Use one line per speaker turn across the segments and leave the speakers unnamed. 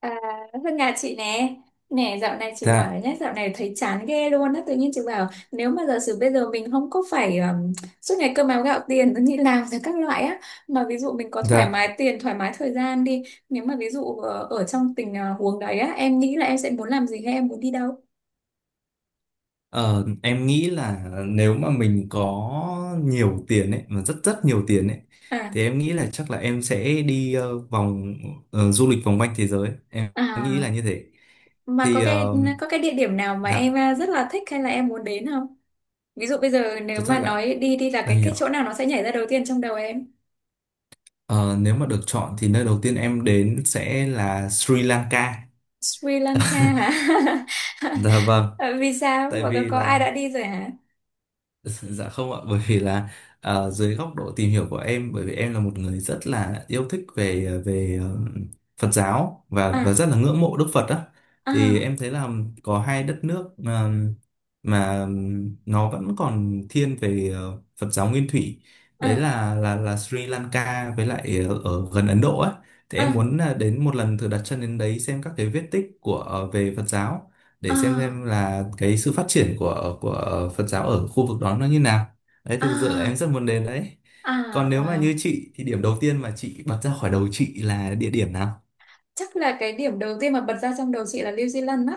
À, Hương nhà chị nè, nè dạo này chị bảo
Dạ,
nhé, dạo này thấy chán ghê luôn á. Tự nhiên chị bảo nếu mà giả sử bây giờ mình không có phải suốt ngày cơm áo gạo tiền đi làm rồi các loại á, mà ví dụ mình có thoải
dạ.
mái tiền thoải mái thời gian đi, nếu mà ví dụ ở trong tình huống đấy á, em nghĩ là em sẽ muốn làm gì hay em muốn đi đâu?
Ờ, em nghĩ là nếu mà mình có nhiều tiền ấy, mà rất rất nhiều tiền ấy,
À,
thì em nghĩ là chắc là em sẽ đi vòng du lịch vòng quanh thế giới. Em nghĩ
à,
là như thế.
mà
Thì
có cái,
ờ,
có cái địa điểm nào mà em
dạ,
rất là thích hay là em muốn đến không? Ví dụ bây giờ nếu
thực ra
mà
là
nói đi đi là
em
cái chỗ
hiểu.
nào nó sẽ nhảy ra đầu tiên trong đầu em?
Ờ, Nếu mà được chọn thì nơi đầu tiên em đến sẽ là Sri Lanka.
Sri Lanka hả?
Dạ vâng,
Vì sao?
tại
Và có,
vì
có ai
là
đã đi rồi hả?
Dạ không ạ, bởi vì là dưới góc độ tìm hiểu của em, bởi vì em là một người rất là yêu thích về Phật giáo và
À,
rất là ngưỡng mộ Đức Phật á, thì
à,
em thấy là có hai đất nước mà nó vẫn còn thiên về Phật giáo nguyên thủy, đấy
à,
là Sri Lanka với lại ở gần Ấn Độ á, thì em
à,
muốn là đến một lần thử đặt chân đến đấy xem các cái vết tích của về Phật giáo để
à,
xem là cái sự phát triển của Phật giáo ở khu vực đó nó như nào. Đấy thì thực sự là
à,
em rất muốn đến đấy.
à,
Còn nếu mà như
wow.
chị thì điểm đầu tiên mà chị bật ra khỏi đầu chị là địa điểm nào?
Chắc là cái điểm đầu tiên mà bật ra trong đầu chị là New Zealand á.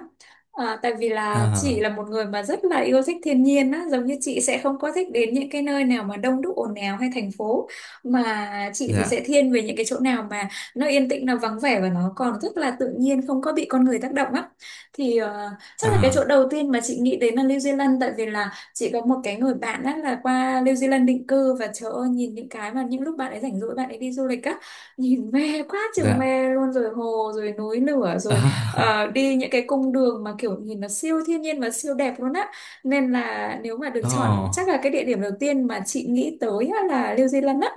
À, tại vì là chị
À,
là một người mà rất là yêu thích thiên nhiên á, giống như chị sẽ không có thích đến những cái nơi nào mà đông đúc ồn ào hay thành phố, mà chị thì sẽ
dạ,
thiên về những cái chỗ nào mà nó yên tĩnh, nó vắng vẻ và nó còn rất là tự nhiên không có bị con người tác động á. Thì chắc là cái chỗ
à,
đầu tiên mà chị nghĩ đến là New Zealand, tại vì là chị có một cái người bạn á là qua New Zealand định cư, và trời ơi, nhìn những cái mà những lúc bạn ấy rảnh rỗi bạn ấy đi du lịch á, nhìn mê quá chừng
dạ,
mê luôn, rồi hồ rồi núi lửa rồi
à.
đi những cái cung đường mà kiểu nhìn nó siêu thiên nhiên và siêu đẹp luôn á. Nên là nếu mà được chọn chắc
Oh,
là cái địa điểm đầu tiên mà chị nghĩ tới á là New Zealand á.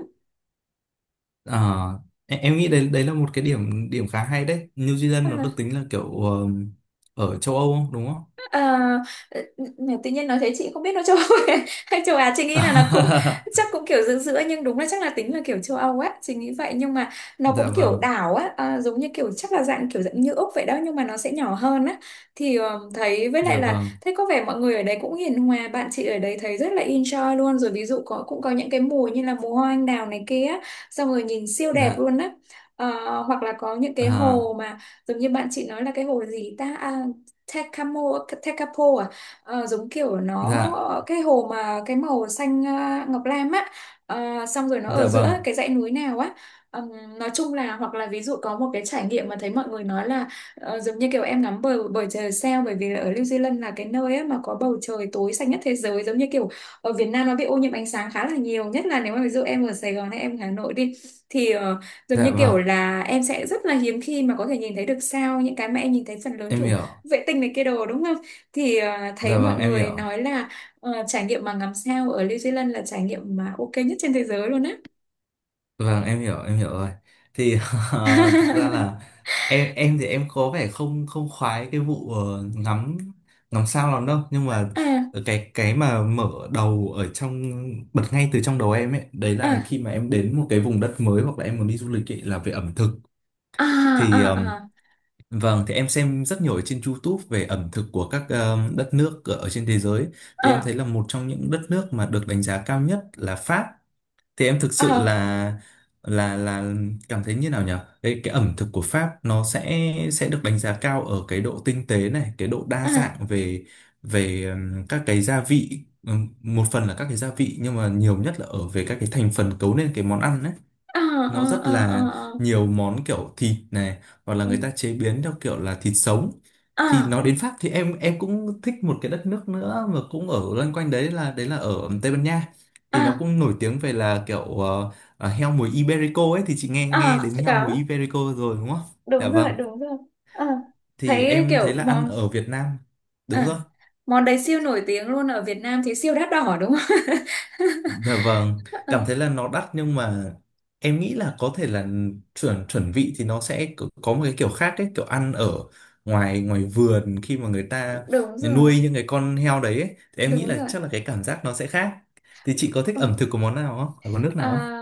à. Em nghĩ đấy đấy là một cái điểm điểm khá hay đấy. New Zealand nó
À.
được tính là kiểu ở châu Âu không đúng không?
À, tự nhiên nói thế chị không biết nó châu Âu hay châu Á, chị nghĩ là nó cũng chắc cũng kiểu giữa giữa, nhưng đúng là chắc là tính là kiểu châu Âu á chị nghĩ vậy. Nhưng mà nó
Dạ
cũng kiểu
vâng,
đảo á, à, giống như kiểu chắc là dạng kiểu dạng như Úc vậy đó, nhưng mà nó sẽ nhỏ hơn á. Thì thấy, với lại
dạ
là
vâng,
thấy có vẻ mọi người ở đấy cũng hiền hòa, bạn chị ở đấy thấy rất là enjoy luôn. Rồi ví dụ có, cũng có những cái mùa như là mùa hoa anh đào này kia á, xong rồi nhìn siêu đẹp
dạ,
luôn á. Ờ, hoặc là có những cái
à,
hồ mà giống như bạn chị nói là cái hồ gì ta, à, Tecamo, Tecapo, à. Ờ, giống kiểu nó,
dạ,
cái hồ mà cái màu xanh, à, ngọc lam á. Ờ, xong rồi nó ở
dạ
giữa
vâng,
cái dãy núi nào á. Nói chung là, hoặc là ví dụ có một cái trải nghiệm mà thấy mọi người nói là giống như kiểu em ngắm bầu bầu trời sao, bởi vì là ở New Zealand là cái nơi á mà có bầu trời tối xanh nhất thế giới. Giống như kiểu ở Việt Nam nó bị ô nhiễm ánh sáng khá là nhiều, nhất là nếu mà ví dụ em ở Sài Gòn hay em ở Hà Nội đi, thì giống như
dạ vâng
kiểu là em sẽ rất là hiếm khi mà có thể nhìn thấy được sao, những cái mà em nhìn thấy phần lớn
em
kiểu
hiểu.
vệ tinh này kia đồ đúng không? Thì thấy
Dạ
mọi
vâng em
người
hiểu,
nói là trải nghiệm mà ngắm sao ở New Zealand là trải nghiệm mà ok nhất trên thế giới luôn á.
vâng em hiểu, em hiểu rồi. Thì thực ra là em thì em có vẻ không không khoái cái vụ ngắm ngắm sao lắm đâu, nhưng mà
À,
cái mà mở đầu ở trong bật ngay từ trong đầu em ấy, đấy là
à,
khi mà em đến một cái vùng đất mới hoặc là em muốn đi du lịch ấy, là về ẩm thực.
à,
Thì
à,
vâng, thì em xem rất nhiều ở trên YouTube về ẩm thực của các đất nước ở trên thế giới, thì em
à,
thấy là một trong những đất nước mà được đánh giá cao nhất là Pháp. Thì em thực
à,
sự
à,
là là là cảm thấy như nào nhỉ, cái ẩm thực của Pháp nó sẽ được đánh giá cao ở cái độ tinh tế này, cái độ đa
à,
dạng về về các cái gia vị. Một phần là các cái gia vị nhưng mà nhiều nhất là ở về các cái thành phần cấu nên cái món ăn ấy,
à,
nó rất là
à, à, à,
nhiều món kiểu thịt này hoặc là
ừ,
người ta chế biến theo kiểu là thịt sống. Thì
à,
nó đến Pháp thì em cũng thích một cái đất nước nữa mà cũng ở loanh quanh đấy, là ở Tây Ban Nha. Thì nó
à,
cũng nổi tiếng về là kiểu heo mùi Iberico ấy, thì chị nghe nghe
à,
đến heo mùi
đó,
Iberico rồi đúng không? Dạ
đúng
vâng.
rồi, đúng rồi. Ờ.
Thì
Thấy
em thấy
kiểu
là ăn
món,
ở Việt Nam đúng
à,
rồi.
món đấy siêu nổi tiếng luôn ở Việt Nam thì siêu đắt đỏ đúng không?
Dạ vâng,
Ờ.
cảm thấy là nó đắt nhưng mà em nghĩ là có thể là chuẩn chuẩn vị thì nó sẽ có một cái kiểu khác ấy, kiểu ăn ở ngoài ngoài vườn khi mà người ta
Đúng rồi,
nuôi những cái con heo đấy ấy, thì em nghĩ
đúng
là
rồi.
chắc là cái cảm giác nó sẽ khác. Thì chị có thích
Ờ.
ẩm thực của món nào không? Ở món nước
À,
nào không?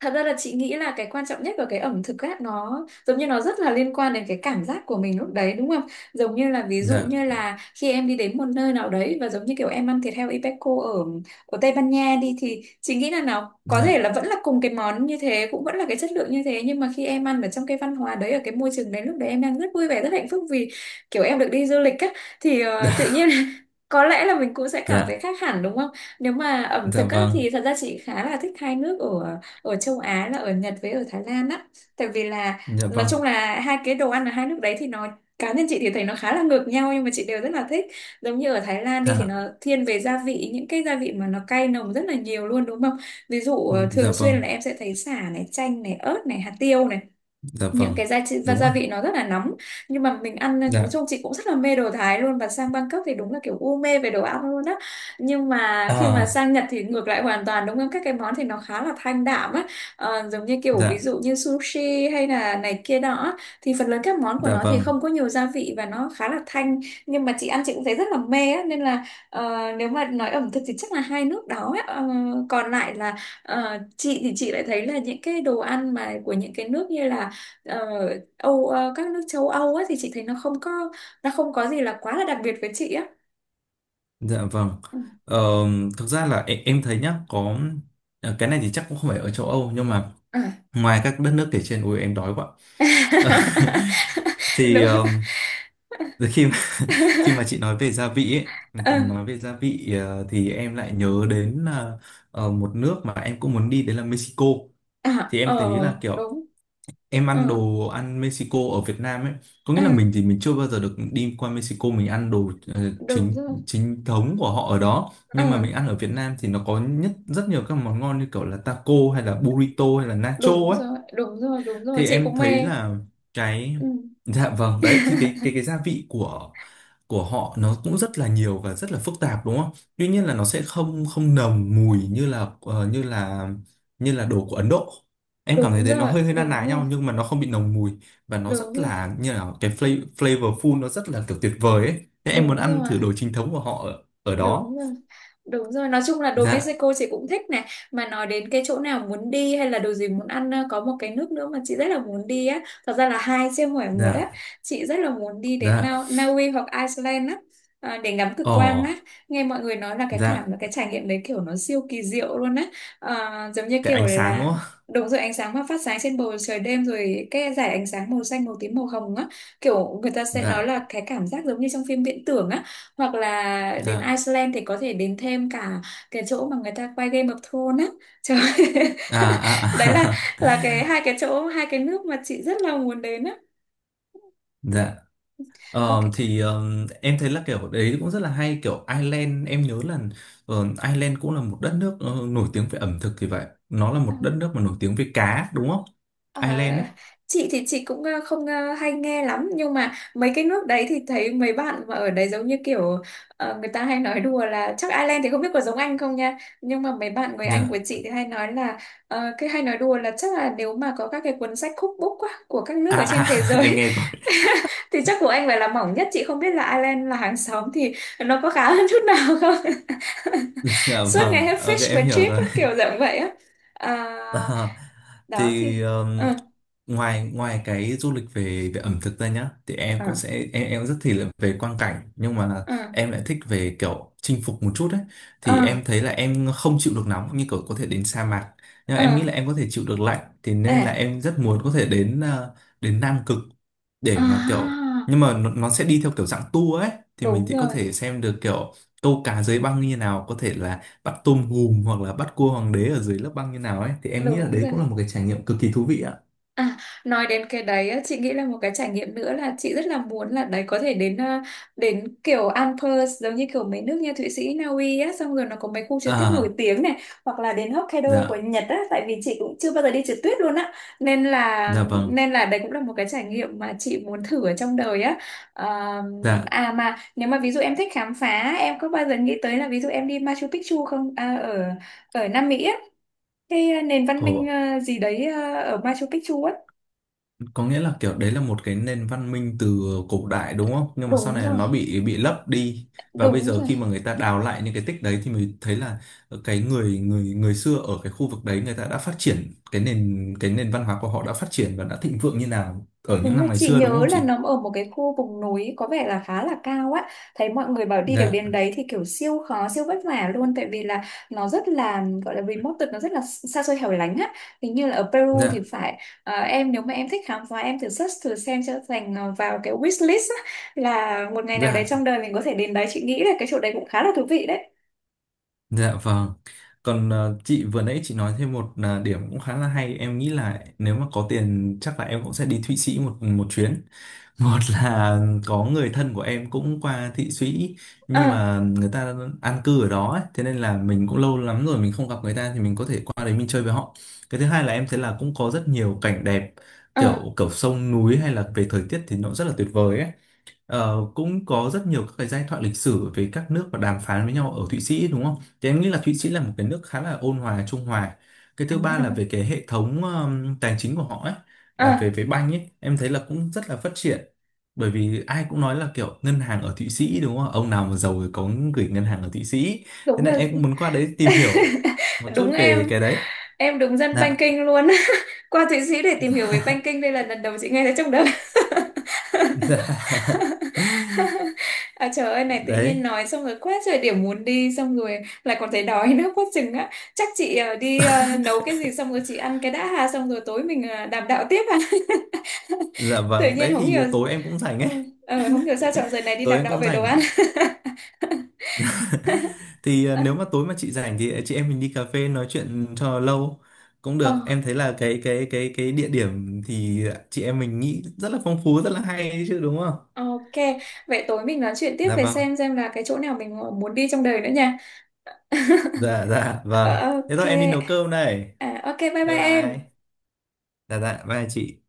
thật ra là chị nghĩ là cái quan trọng nhất của cái ẩm thực á, nó giống như nó rất là liên quan đến cái cảm giác của mình lúc đấy đúng không? Giống như là ví dụ
Dạ,
như là khi em đi đến một nơi nào đấy và giống như kiểu em ăn thịt heo Ipeco ở ở Tây Ban Nha đi, thì chị nghĩ là nào có thể
dạ,
là vẫn là cùng cái món như thế, cũng vẫn là cái chất lượng như thế, nhưng mà khi em ăn ở trong cái văn hóa đấy, ở cái môi trường đấy, lúc đấy em đang rất vui vẻ rất hạnh phúc vì kiểu em được đi du lịch á, thì tự nhiên có lẽ là mình cũng sẽ cảm thấy
dạ,
khác hẳn đúng không? Nếu mà ẩm
dạ
thực á,
vâng,
thì thật ra chị khá là thích hai nước ở ở châu Á là ở Nhật với ở Thái Lan á. Tại vì là
dạ
nói
vâng,
chung là hai cái đồ ăn ở hai nước đấy thì nó, cá nhân chị thì thấy nó khá là ngược nhau nhưng mà chị đều rất là thích. Giống như ở Thái Lan đi thì nó
dạ,
thiên về gia vị, những cái gia vị mà nó cay nồng rất là nhiều luôn đúng không? Ví dụ thường
dạ
xuyên là
vâng,
em sẽ thấy sả này, chanh này, ớt này, hạt tiêu này,
dạ
những
vâng,
cái gia vị,
đúng
gia
rồi,
vị nó rất là nóng, nhưng mà mình ăn nói
dạ,
chung chị cũng rất là mê đồ Thái luôn, và sang Bangkok thì đúng là kiểu u mê về đồ ăn luôn á. Nhưng mà khi mà
à,
sang Nhật thì ngược lại hoàn toàn đúng không, các cái món thì nó khá là thanh đạm á. Ờ, giống như kiểu ví
dạ,
dụ như sushi hay là này kia đó á, thì phần lớn các món của
dạ
nó thì
vâng.
không có nhiều gia vị và nó khá là thanh, nhưng mà chị ăn chị cũng thấy rất là mê á. Nên là nếu mà nói ẩm thực thì chắc là hai nước đó á. Ờ, còn lại là chị thì chị lại thấy là những cái đồ ăn mà của những cái nước như là Ờ, Âu, các nước châu Âu á, thì chị thấy nó không có, nó không có gì là quá là đặc biệt với chị á.
Dạ vâng.
Ừ.
Ờ, thực ra là em thấy nhá, có cái này thì chắc cũng không phải ở châu Âu nhưng mà
À.
ngoài các đất nước kể trên, ui em đói quá. thì
Đúng.
từ khi mà khi mà chị nói về gia vị ấy,
Ờ,
thì nói về gia vị thì em lại nhớ đến một nước mà em cũng muốn đi đấy là Mexico.
à,
Thì em
ờ
thấy là kiểu
đúng.
em
Ờ,
ăn đồ ăn Mexico ở Việt Nam ấy, có nghĩa
ờ,
là mình thì mình chưa bao giờ được đi qua Mexico, mình ăn đồ
đúng
chính
rồi.
chính thống của họ ở đó,
Ờ,
nhưng mà mình ăn ở Việt Nam thì nó có nhất rất nhiều các món ngon như kiểu là taco hay là burrito hay là nacho
đúng
ấy,
rồi, đúng rồi, đúng rồi,
thì
chị
em
cũng
thấy
mê.
là cái
Ừ.
dạ vâng. Đấy thì cái cái cái gia vị của họ nó cũng rất là nhiều và rất là phức tạp đúng không? Tuy nhiên là nó sẽ không không nồng mùi như là như là đồ của Ấn Độ. Em cảm
Đúng
thấy thế, nó
rồi,
hơi hơi na
đúng
ná
rồi,
nhau nhưng mà nó không bị nồng mùi và nó
đúng
rất
rồi,
là như là cái flavorful, nó rất là kiểu tuyệt vời ấy. Thế em muốn
đúng
ăn
rồi.
thử đồ chính thống của họ ở
Đúng
đó.
rồi. Đúng rồi, nói chung là đồ
Dạ,
Mexico chị cũng thích này. Mà nói đến cái chỗ nào muốn đi hay là đồ gì muốn ăn, có một cái nước nữa mà chị rất là muốn đi á. Thật ra là hai chứ không phải một
dạ,
á. Chị rất là muốn đi đến
dạ.
Na Na Uy hoặc Iceland á. À, để ngắm cực quang á.
Ồ,
Nghe mọi người nói là cái cảm, là
dạ,
cái trải nghiệm đấy kiểu nó siêu kỳ diệu luôn á. À, giống như
cái
kiểu
ánh sáng đúng
là
không?
đúng rồi, ánh sáng mà phát sáng trên bầu trời đêm, rồi cái dải ánh sáng màu xanh, màu tím, màu hồng á. Kiểu người ta sẽ nói
Dạ,
là cái cảm giác giống như trong phim viễn tưởng á, hoặc là đến
dạ.
Iceland thì có thể đến thêm cả cái chỗ mà người ta quay Game of Thrones á, trời ơi.
À à
Đấy là
à
là cái hai cái chỗ, hai cái nước mà chị rất là muốn đến á.
Dạ.
Có
Ờ,
cái,
thì em thấy là kiểu đấy cũng rất là hay, kiểu Ireland em nhớ là Ireland cũng là một đất nước nổi tiếng về ẩm thực, thì vậy nó là
à.
một đất nước mà nổi tiếng về cá đúng không,
Ờ,
Ireland ấy.
chị thì chị cũng không hay nghe lắm, nhưng mà mấy cái nước đấy thì thấy mấy bạn mà ở đấy giống như kiểu người ta hay nói đùa là chắc Ireland thì không biết có giống Anh không nha, nhưng mà mấy bạn người Anh
Dạ.
của chị thì hay nói là cái hay nói đùa là chắc là nếu mà có các cái cuốn sách cookbook á của các nước ở
À,
trên thế
à em
giới,
nghe rồi,
thì chắc của Anh phải là mỏng nhất, chị không biết là Ireland là hàng xóm thì nó có khá hơn chút nào không.
dạ
Suốt ngày
vâng,
hết
ok
fish và
em hiểu
chip
rồi.
á, kiểu dạng vậy á. Ờ,
À,
đó thì
thì
ừ.
ngoài ngoài cái du lịch về về ẩm thực ra nhá, thì em
ờ
cũng sẽ em rất thích là về quang cảnh, nhưng mà
ờ
em lại thích về kiểu chinh phục một chút ấy.
ờ
Thì em thấy là em không chịu được nóng, như kiểu có thể đến sa mạc, nhưng mà
ờ
em nghĩ là em có thể chịu được lạnh, thì nên là
à
em rất muốn có thể đến đến Nam Cực. Để mà kiểu
à
nhưng mà nó sẽ đi theo kiểu dạng tour ấy, thì mình
đúng
sẽ có
rồi
thể xem được kiểu câu cá dưới băng như nào, có thể là bắt tôm hùm hoặc là bắt cua hoàng đế ở dưới lớp băng như nào ấy, thì em nghĩ là
đúng
đấy
rồi.
cũng là một cái trải nghiệm cực kỳ thú vị ạ.
À, nói đến cái đấy á, chị nghĩ là một cái trải nghiệm nữa là chị rất là muốn, là đấy có thể đến đến kiểu Alps, giống như kiểu mấy nước như Thụy Sĩ, Na Uy á, xong rồi nó có mấy khu trượt tuyết nổi
À,
tiếng này, hoặc là đến Hokkaido của
dạ,
Nhật á, tại vì chị cũng chưa bao giờ đi trượt tuyết luôn á. Nên là,
dạ vâng,
nên là đấy cũng là một cái trải nghiệm mà chị muốn thử ở trong đời á. Ờ,
dạ.
à mà nếu mà ví dụ em thích khám phá, em có bao giờ nghĩ tới là ví dụ em đi Machu Picchu không, à, ở ở Nam Mỹ á, cái nền văn minh
Ồ,
gì đấy ở Machu Picchu á.
có nghĩa là kiểu đấy là một cái nền văn minh từ cổ đại đúng không, nhưng mà sau
Đúng
này là
rồi,
nó bị lấp đi, và bây
đúng
giờ
rồi,
khi mà người ta đào lại những cái tích đấy thì mới thấy là cái người người người xưa ở cái khu vực đấy, người ta đã phát triển cái nền văn hóa của họ, đã phát triển và đã thịnh vượng như nào ở những
đúng rồi.
năm ngày
Chị
xưa đúng
nhớ
không
là
chị?
nó ở một cái khu vùng núi có vẻ là khá là cao á. Thấy mọi người bảo đi được đến
Dạ,
đấy thì kiểu siêu khó, siêu vất vả luôn. Tại vì là nó rất là gọi là remote, nó rất là xa xôi hẻo lánh á. Hình như là ở Peru thì
dạ,
phải, em nếu mà em thích khám phá em thử search thử xem, cho thành vào cái wish list á, là một ngày nào đấy
dạ.
trong đời mình có thể đến đấy. Chị nghĩ là cái chỗ đấy cũng khá là thú vị đấy.
Dạ vâng. Còn ờ, chị vừa nãy chị nói thêm một là điểm cũng khá là hay. Em nghĩ là nếu mà có tiền chắc là em cũng sẽ đi Thụy Sĩ một một chuyến. Một là có người thân của em cũng qua Thụy Sĩ nhưng
Ờ,
mà người ta an cư ở đó ấy. Thế nên là mình cũng lâu lắm rồi mình không gặp người ta, thì mình có thể qua đấy mình chơi với họ. Cái thứ hai là em thấy là cũng có rất nhiều cảnh đẹp,
ờ,
kiểu kiểu sông núi hay là về thời tiết thì nó rất là tuyệt vời ấy. Ờ, cũng có rất nhiều các cái giai thoại lịch sử về các nước và đàm phán với nhau ở Thụy Sĩ đúng không? Thì em nghĩ là Thụy Sĩ là một cái nước khá là ôn hòa, trung hòa. Cái thứ ba là về cái hệ thống tài chính của họ ấy, là
ờ,
về về banh ấy, em thấy là cũng rất là phát triển. Bởi vì ai cũng nói là kiểu ngân hàng ở Thụy Sĩ đúng không? Ông nào mà giàu thì có gửi ngân hàng ở Thụy Sĩ. Thế
đúng
nên
rồi.
em cũng muốn qua đấy tìm hiểu một
Đúng
chút về
em
cái đấy.
em đúng dân
Dạ.
banking luôn. Qua Thụy Sĩ để tìm hiểu về banking đây là lần đầu chị nghe thấy trong đời.
Dạ.
À, trời ơi này, tự nhiên
Đấy.
nói xong rồi quá trời điểm muốn đi, xong rồi lại còn thấy đói nữa quá chừng á. Chắc chị đi nấu cái gì xong rồi chị ăn cái đã ha, xong rồi tối mình đàm đạo tiếp ha.
Dạ
Tự
vâng,
nhiên
đấy
không
thì
hiểu,
tối em cũng rảnh
ừ,
ấy.
không hiểu sao chọn giờ này đi
Tối
đàm
em
đạo
cũng
về đồ ăn.
rảnh, thì à, nếu mà tối mà chị rảnh thì chị em mình đi cà phê nói chuyện cho lâu cũng
Ờ,
được. Em thấy là cái địa điểm thì chị em mình nghĩ rất là phong phú, rất là hay đấy chứ đúng không?
ờ, ok, vậy tối mình nói chuyện tiếp
Dạ
về
vâng,
xem là cái chỗ nào mình muốn đi trong đời nữa nha.
dạ, dạ
Ờ,
vâng. Thế
ok.
thôi em đi nấu cơm đây.
À, ok bye
Bye
bye
bye.
em.
Dạ, dạ bye chị.